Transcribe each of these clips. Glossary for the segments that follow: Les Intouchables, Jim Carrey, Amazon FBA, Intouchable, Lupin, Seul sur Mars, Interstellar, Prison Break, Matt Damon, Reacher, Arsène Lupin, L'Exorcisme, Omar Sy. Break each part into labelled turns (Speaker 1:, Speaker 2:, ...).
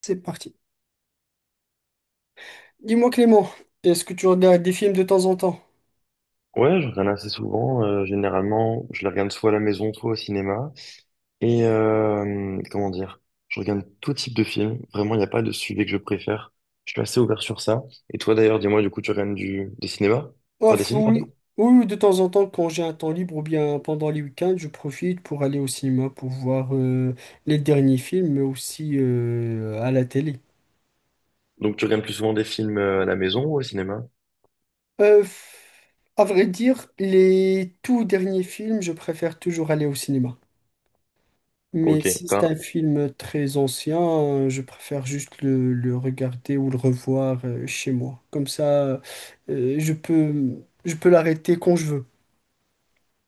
Speaker 1: C'est parti. Dis-moi Clément, est-ce que tu regardes des films de temps en temps?
Speaker 2: Ouais, je regarde assez souvent. Généralement, je les regarde soit à la maison, soit au cinéma. Et comment dire, je regarde tout type de film. Vraiment, il n'y a pas de sujet que je préfère. Je suis assez ouvert sur ça. Et toi, d'ailleurs, dis-moi, du coup, tu regardes des cinémas? Enfin, des
Speaker 1: Ouf,
Speaker 2: films,
Speaker 1: oui,
Speaker 2: pardon.
Speaker 1: oui, de temps en temps, quand j'ai un temps libre ou bien pendant les week-ends, je profite pour aller au cinéma pour voir les derniers films, mais aussi à la télé.
Speaker 2: Donc, tu regardes plus souvent des films à la maison ou au cinéma?
Speaker 1: Euh, à vrai dire, les tout derniers films, je préfère toujours aller au cinéma. Mais
Speaker 2: Ok,
Speaker 1: si c'est
Speaker 2: t'as-
Speaker 1: un film très ancien, je préfère juste le regarder ou le revoir chez moi. Comme ça, euh, je peux, je peux l'arrêter quand je veux.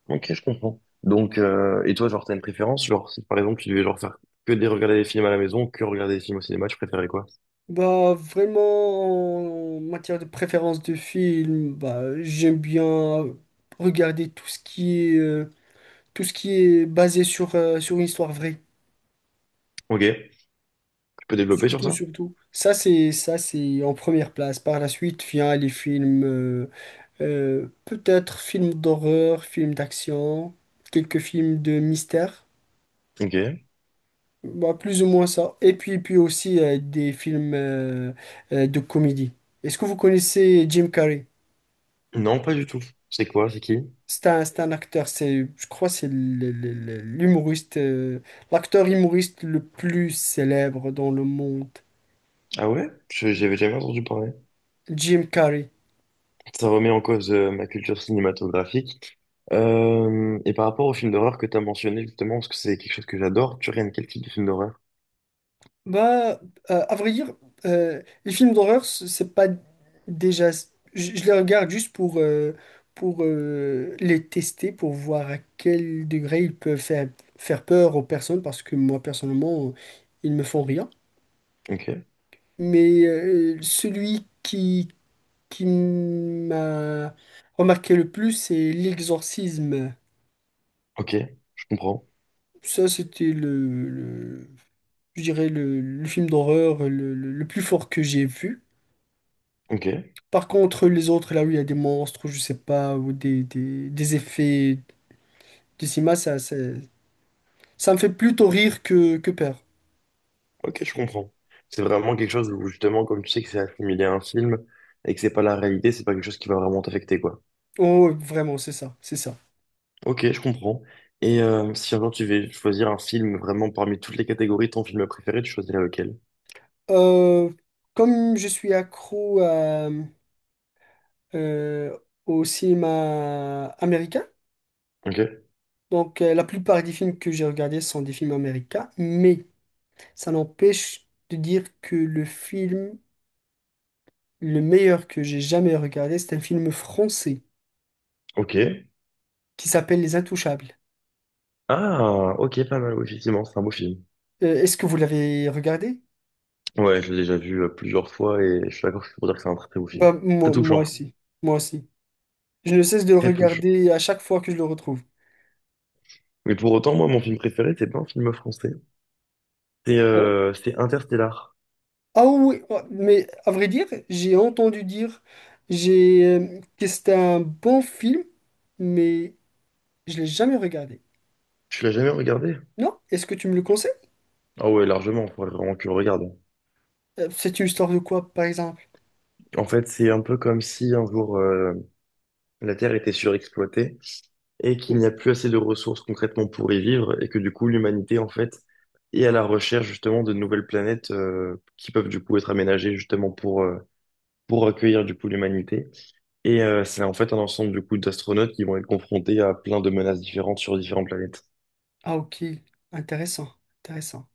Speaker 2: ok, je comprends. Donc, et toi, genre, t'as une préférence? Genre, si par exemple, tu devais genre faire que des regarder des films à la maison, que regarder des films au cinéma, tu préférais quoi?
Speaker 1: Bah, vraiment, en matière de préférence de film, bah, j'aime bien regarder tout ce qui est, tout ce qui est basé sur, sur une histoire vraie.
Speaker 2: Ok, tu peux développer sur
Speaker 1: Surtout,
Speaker 2: ça?
Speaker 1: surtout. Ça, c'est en première place. Par la suite, vient les films, peut-être films d'horreur, films d'action, quelques films de mystère.
Speaker 2: Ok.
Speaker 1: Bah, plus ou moins ça. Et puis, puis aussi, des films, de comédie. Est-ce que vous connaissez Jim Carrey?
Speaker 2: Non, pas du tout. C'est quoi? C'est qui?
Speaker 1: C'est un acteur, c'est, je crois, c'est l'humoriste, l'acteur humoriste le plus célèbre dans le monde,
Speaker 2: Ah ouais? J'avais jamais entendu parler.
Speaker 1: Jim Carrey.
Speaker 2: Ça remet en cause ma culture cinématographique. Et par rapport au film d'horreur que tu as mentionné justement, parce que c'est quelque chose que j'adore, tu regardes quel type de film d'horreur?
Speaker 1: Bah, à vrai dire, les films d'horreur, c'est pas déjà, je les regarde juste pour les tester, pour voir à quel degré ils peuvent faire, faire peur aux personnes, parce que moi, personnellement, ils me font rien.
Speaker 2: Ok,
Speaker 1: Mais celui qui m'a remarqué le plus, c'est L'Exorcisme.
Speaker 2: ok, je comprends.
Speaker 1: Ça, c'était je dirais le film d'horreur le plus fort que j'ai vu.
Speaker 2: Ok,
Speaker 1: Par contre, les autres, là où il y a des monstres, je sais pas, ou des effets de cinéma, ça me fait plutôt rire que peur.
Speaker 2: ok, je comprends. C'est vraiment quelque chose où justement, comme tu sais que c'est assimilé à un film et que c'est pas la réalité, c'est pas quelque chose qui va vraiment t'affecter, quoi.
Speaker 1: Oh, ouais, vraiment, c'est ça, c'est ça.
Speaker 2: Ok, je comprends. Et si un jour tu veux choisir un film vraiment parmi toutes les catégories, ton film préféré, tu choisirais lequel?
Speaker 1: Euh, Comme je suis accro à, euh, au cinéma américain,
Speaker 2: Ok,
Speaker 1: donc, la plupart des films que j'ai regardés sont des films américains, mais ça n'empêche de dire que le film le meilleur que j'ai jamais regardé, c'est un film français
Speaker 2: ok.
Speaker 1: qui s'appelle Les Intouchables.
Speaker 2: Ah, ok, pas mal, oui, effectivement, c'est un beau film.
Speaker 1: Est-ce que vous l'avez regardé?
Speaker 2: Ouais, je l'ai déjà vu plusieurs fois et je suis d'accord pour dire que c'est un très très beau film.
Speaker 1: Bah,
Speaker 2: Très
Speaker 1: moi, moi
Speaker 2: touchant.
Speaker 1: aussi. Moi aussi. Je ne cesse de le
Speaker 2: Très touchant.
Speaker 1: regarder à chaque fois que je le retrouve.
Speaker 2: Mais pour autant, moi, mon film préféré, c'est pas un film français. C'est
Speaker 1: Ah oui,
Speaker 2: euh, c'est Interstellar.
Speaker 1: ah oui, ah, mais à vrai dire, j'ai entendu dire que c'était un bon film, mais je l'ai jamais regardé.
Speaker 2: Tu l'as jamais regardé?
Speaker 1: Non? Est-ce que tu me le conseilles?
Speaker 2: Ah ouais, largement, il faudrait vraiment que tu le regardes.
Speaker 1: C'est une histoire de quoi, par exemple?
Speaker 2: En fait, c'est un peu comme si un jour la Terre était surexploitée et qu'il
Speaker 1: Oh,
Speaker 2: n'y a plus assez de ressources concrètement pour y vivre et que du coup l'humanité en fait est à la recherche justement de nouvelles planètes qui peuvent du coup être aménagées justement pour accueillir du coup l'humanité. Et c'est en fait un ensemble du coup d'astronautes qui vont être confrontés à plein de menaces différentes sur différentes planètes.
Speaker 1: ah, ok. Intéressant. Intéressant.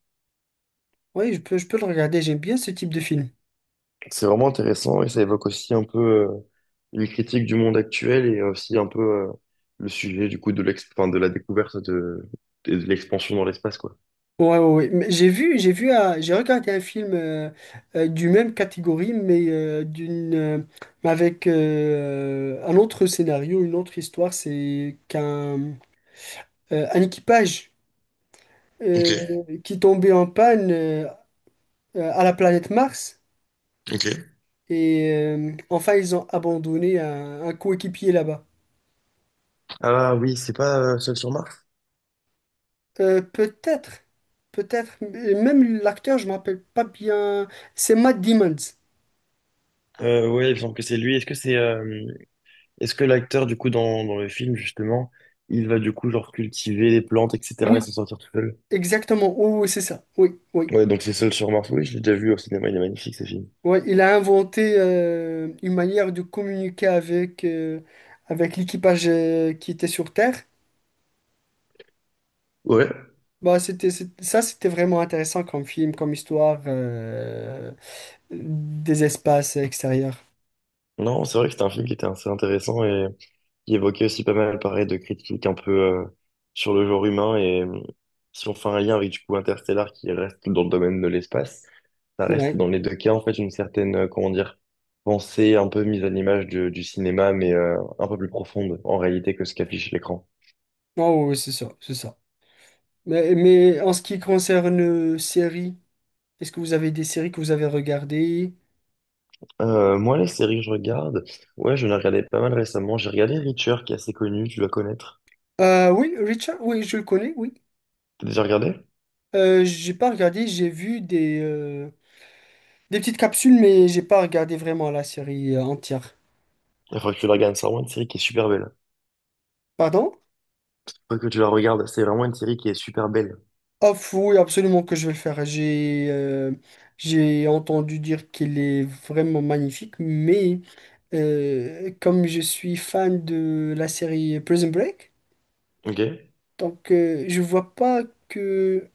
Speaker 1: Oui, je peux le regarder. J'aime bien ce type de film.
Speaker 2: C'est vraiment intéressant et ça évoque aussi un peu une critique du monde actuel et aussi un peu le sujet du coup de l'ex enfin, de la découverte de, et de l'expansion dans l'espace quoi.
Speaker 1: Ouais, ouais, ouais. Mais j'ai regardé un film du même catégorie, mais mais avec un autre scénario, une autre histoire. C'est qu'un un équipage
Speaker 2: Ok,
Speaker 1: euh, qui tombait en panne à la planète Mars.
Speaker 2: ok.
Speaker 1: Et enfin, ils ont abandonné un coéquipier là-bas.
Speaker 2: Ah oui, c'est pas Seul sur Mars?
Speaker 1: Peut-être, peut-être, mais même l'acteur, je ne me rappelle pas bien. C'est Matt Damon.
Speaker 2: Ouais, il me semble que c'est lui. Est-ce que c'est est-ce que l'acteur du coup dans le film justement, il va du coup genre cultiver les plantes etc
Speaker 1: Oui,
Speaker 2: et s'en sortir tout seul?
Speaker 1: exactement. Oui, oui, c'est ça. Oui, oui.
Speaker 2: Ouais, donc c'est Seul sur Mars. Oui, je l'ai déjà vu au cinéma. Il est magnifique ce film.
Speaker 1: Ouais, il a inventé une manière de communiquer avec, avec l'équipage qui était sur Terre.
Speaker 2: Ouais,
Speaker 1: Bah, c'était vraiment intéressant comme film, comme histoire des espaces extérieurs.
Speaker 2: non, c'est vrai que c'était un film qui était assez intéressant et qui évoquait aussi pas mal, pareil, de critiques un peu sur le genre humain. Et si on fait un lien avec du coup Interstellar qui reste dans le domaine de l'espace, ça reste
Speaker 1: Ouais.
Speaker 2: dans les deux cas en fait une certaine, comment dire, pensée un peu mise à l'image du cinéma, mais un peu plus profonde en réalité que ce qu'affiche l'écran.
Speaker 1: Oh, oui, c'est ça, c'est ça. Mais en ce qui concerne séries, est-ce que vous avez des séries que vous avez regardées?
Speaker 2: Moi, les séries que je regarde, ouais, je les regardais pas mal récemment. J'ai regardé Reacher qui est assez connu, tu dois connaître.
Speaker 1: Oui, Richard, oui, je le connais, oui.
Speaker 2: T'as déjà regardé?
Speaker 1: J'ai pas regardé, j'ai vu des petites capsules, mais j'ai pas regardé vraiment la série entière.
Speaker 2: Il faudrait que tu la regardes, c'est vraiment une série qui est super belle.
Speaker 1: Pardon?
Speaker 2: Faut que tu la regardes, c'est vraiment une série qui est super belle.
Speaker 1: Ah, fou, oui, absolument que je vais le faire. J'ai entendu dire qu'il est vraiment magnifique, mais comme je suis fan de la série Prison Break,
Speaker 2: Ok?
Speaker 1: donc je vois pas que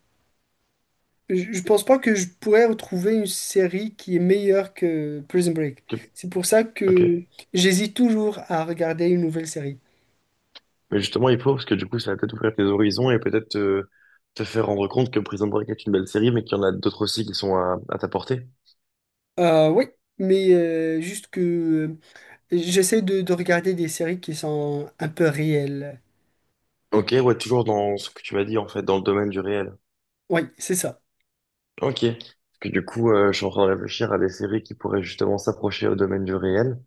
Speaker 1: Je pense pas que je pourrais retrouver une série qui est meilleure que Prison Break.
Speaker 2: Ok.
Speaker 1: C'est pour ça
Speaker 2: Ok.
Speaker 1: que j'hésite toujours à regarder une nouvelle série.
Speaker 2: Mais justement, il faut, parce que du coup, ça va peut-être ouvrir tes horizons et peut-être te faire rendre compte que Prison Break est une belle série, mais qu'il y en a d'autres aussi qui sont à ta portée.
Speaker 1: Oui, mais juste que j'essaie de regarder des séries qui sont un peu réelles.
Speaker 2: Ok, ouais, toujours dans ce que tu m'as dit, en fait, dans le domaine du réel.
Speaker 1: Oui, c'est ça.
Speaker 2: Ok. Parce que du coup, je suis en train de réfléchir à des séries qui pourraient justement s'approcher au domaine du réel.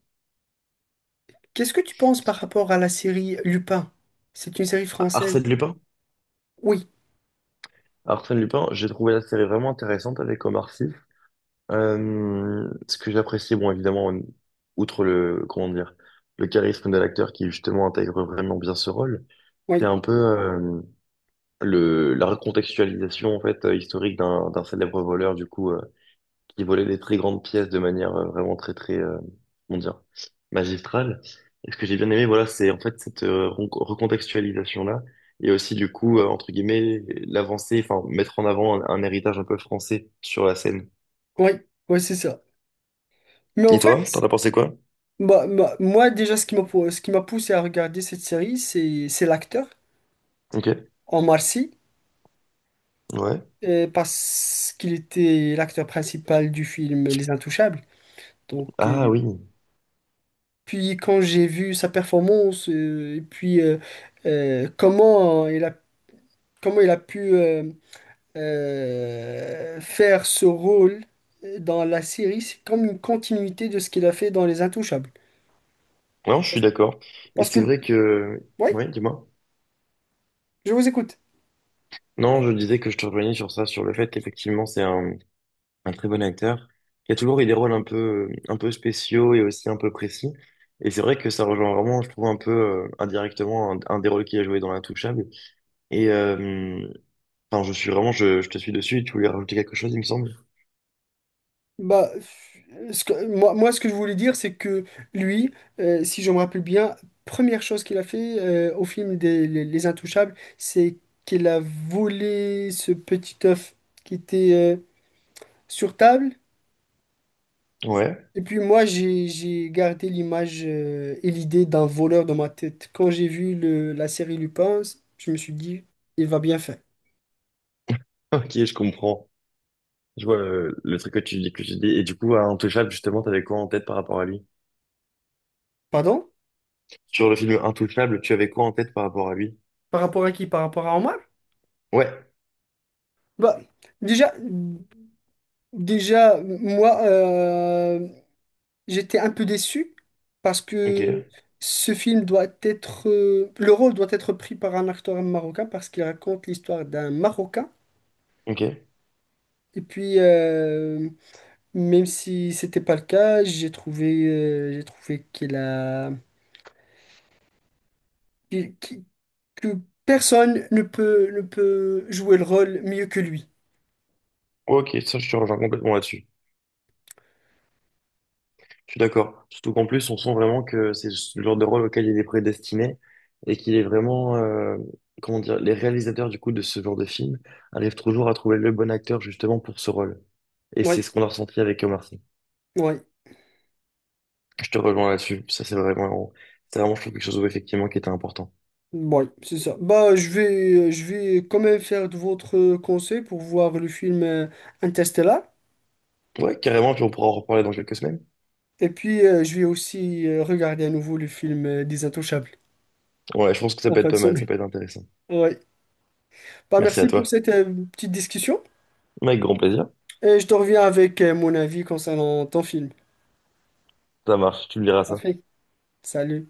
Speaker 1: Qu'est-ce que tu penses par rapport à la série Lupin? C'est une série française.
Speaker 2: Arsène Lupin?
Speaker 1: Oui,
Speaker 2: Arsène Lupin, j'ai trouvé la série vraiment intéressante avec Omar Sy. Ce que j'apprécie, bon, évidemment, outre le, comment dire, le charisme de l'acteur qui justement intègre vraiment bien ce rôle, c'est
Speaker 1: oui,
Speaker 2: un peu la recontextualisation en fait historique d'un célèbre voleur du coup qui volait des très grandes pièces de manière vraiment très très comment dire magistrale. Et ce que j'ai bien aimé, voilà, c'est en fait cette recontextualisation-là et aussi du coup entre guillemets l'avancée, enfin mettre en avant un héritage un peu français sur la scène.
Speaker 1: oui, oui, c'est ça. Mais en
Speaker 2: Et
Speaker 1: fait,
Speaker 2: toi, t'en as pensé quoi?
Speaker 1: bah, bah, moi déjà, ce qui m'a, ce qui m'a poussé à regarder cette série, c'est l'acteur,
Speaker 2: Ok.
Speaker 1: Omar Sy.
Speaker 2: Ouais.
Speaker 1: Parce qu'il était l'acteur principal du film Les Intouchables. Donc,
Speaker 2: Ah oui.
Speaker 1: puis quand j'ai vu sa performance, et puis euh, comment il a, comment il a pu faire ce rôle dans la série, c'est comme une continuité de ce qu'il a fait dans Les Intouchables.
Speaker 2: Non, je suis d'accord. Et
Speaker 1: Parce que,
Speaker 2: c'est vrai que...
Speaker 1: oui,
Speaker 2: Ouais, dis-moi.
Speaker 1: je vous écoute.
Speaker 2: Non, je disais que je te rejoignais sur ça, sur le fait qu'effectivement, un très bon acteur. Il y a toujours eu des rôles un peu spéciaux et aussi un peu précis. Et c'est vrai que ça rejoint vraiment, je trouve, un peu indirectement un des rôles qu'il a joué dans l'Intouchable. Et enfin, je suis vraiment, je te suis dessus. Tu voulais rajouter quelque chose, il me semble.
Speaker 1: Bah, moi, ce que je voulais dire, c'est que lui, si je me rappelle bien, première chose qu'il a fait au film Les Intouchables, c'est qu'il a volé ce petit œuf qui était sur table.
Speaker 2: Ouais.
Speaker 1: Et puis moi, j'ai gardé l'image et l'idée d'un voleur dans ma tête. Quand j'ai vu la série Lupin, je me suis dit, il va bien faire.
Speaker 2: Ok, je comprends. Je vois le truc que tu dis. Et du coup, à Intouchable, justement, t'avais quoi en tête par rapport à lui?
Speaker 1: Pardon?
Speaker 2: Sur le film Intouchable, tu avais quoi en tête par rapport à lui?
Speaker 1: Par rapport à qui? Par rapport à Omar?
Speaker 2: Ouais,
Speaker 1: Bah, déjà, déjà, moi... j'étais un peu déçu parce que
Speaker 2: ok,
Speaker 1: ce film doit être... le rôle doit être pris par un acteur marocain parce qu'il raconte l'histoire d'un Marocain.
Speaker 2: ok. Ouais,
Speaker 1: Et puis, même si c'était pas le cas, j'ai trouvé qu'il a... qu'il- qu'il- que personne ne peut, ne peut jouer le rôle mieux que lui.
Speaker 2: ok, ça je te rejoins complètement là-dessus. Je suis d'accord. Surtout qu'en plus, on sent vraiment que c'est le genre de rôle auquel il est prédestiné et qu'il est vraiment, comment dire, les réalisateurs du coup de ce genre de film arrivent toujours à trouver le bon acteur justement pour ce rôle. Et c'est
Speaker 1: Oui,
Speaker 2: ce qu'on a ressenti avec Omar Sy.
Speaker 1: oui,
Speaker 2: Je te rejoins là-dessus. C'est vraiment, je trouve quelque chose où, effectivement qui était important.
Speaker 1: oui, c'est ça. Bah, je vais quand même faire de votre conseil pour voir le film Interstellar.
Speaker 2: Ouais, carrément, puis on pourra en reparler dans quelques semaines.
Speaker 1: Et puis, je vais aussi regarder à nouveau le film Des Intouchables
Speaker 2: Ouais, je pense que ça
Speaker 1: en
Speaker 2: peut
Speaker 1: fin
Speaker 2: être
Speaker 1: de
Speaker 2: pas mal, ça
Speaker 1: semaine.
Speaker 2: peut être intéressant.
Speaker 1: Ouais. Bah,
Speaker 2: Merci à
Speaker 1: merci pour
Speaker 2: toi.
Speaker 1: cette petite discussion.
Speaker 2: Avec grand plaisir.
Speaker 1: Et je te reviens avec mon avis concernant ton film.
Speaker 2: Ça marche, tu me diras ça.
Speaker 1: Parfait. Salut.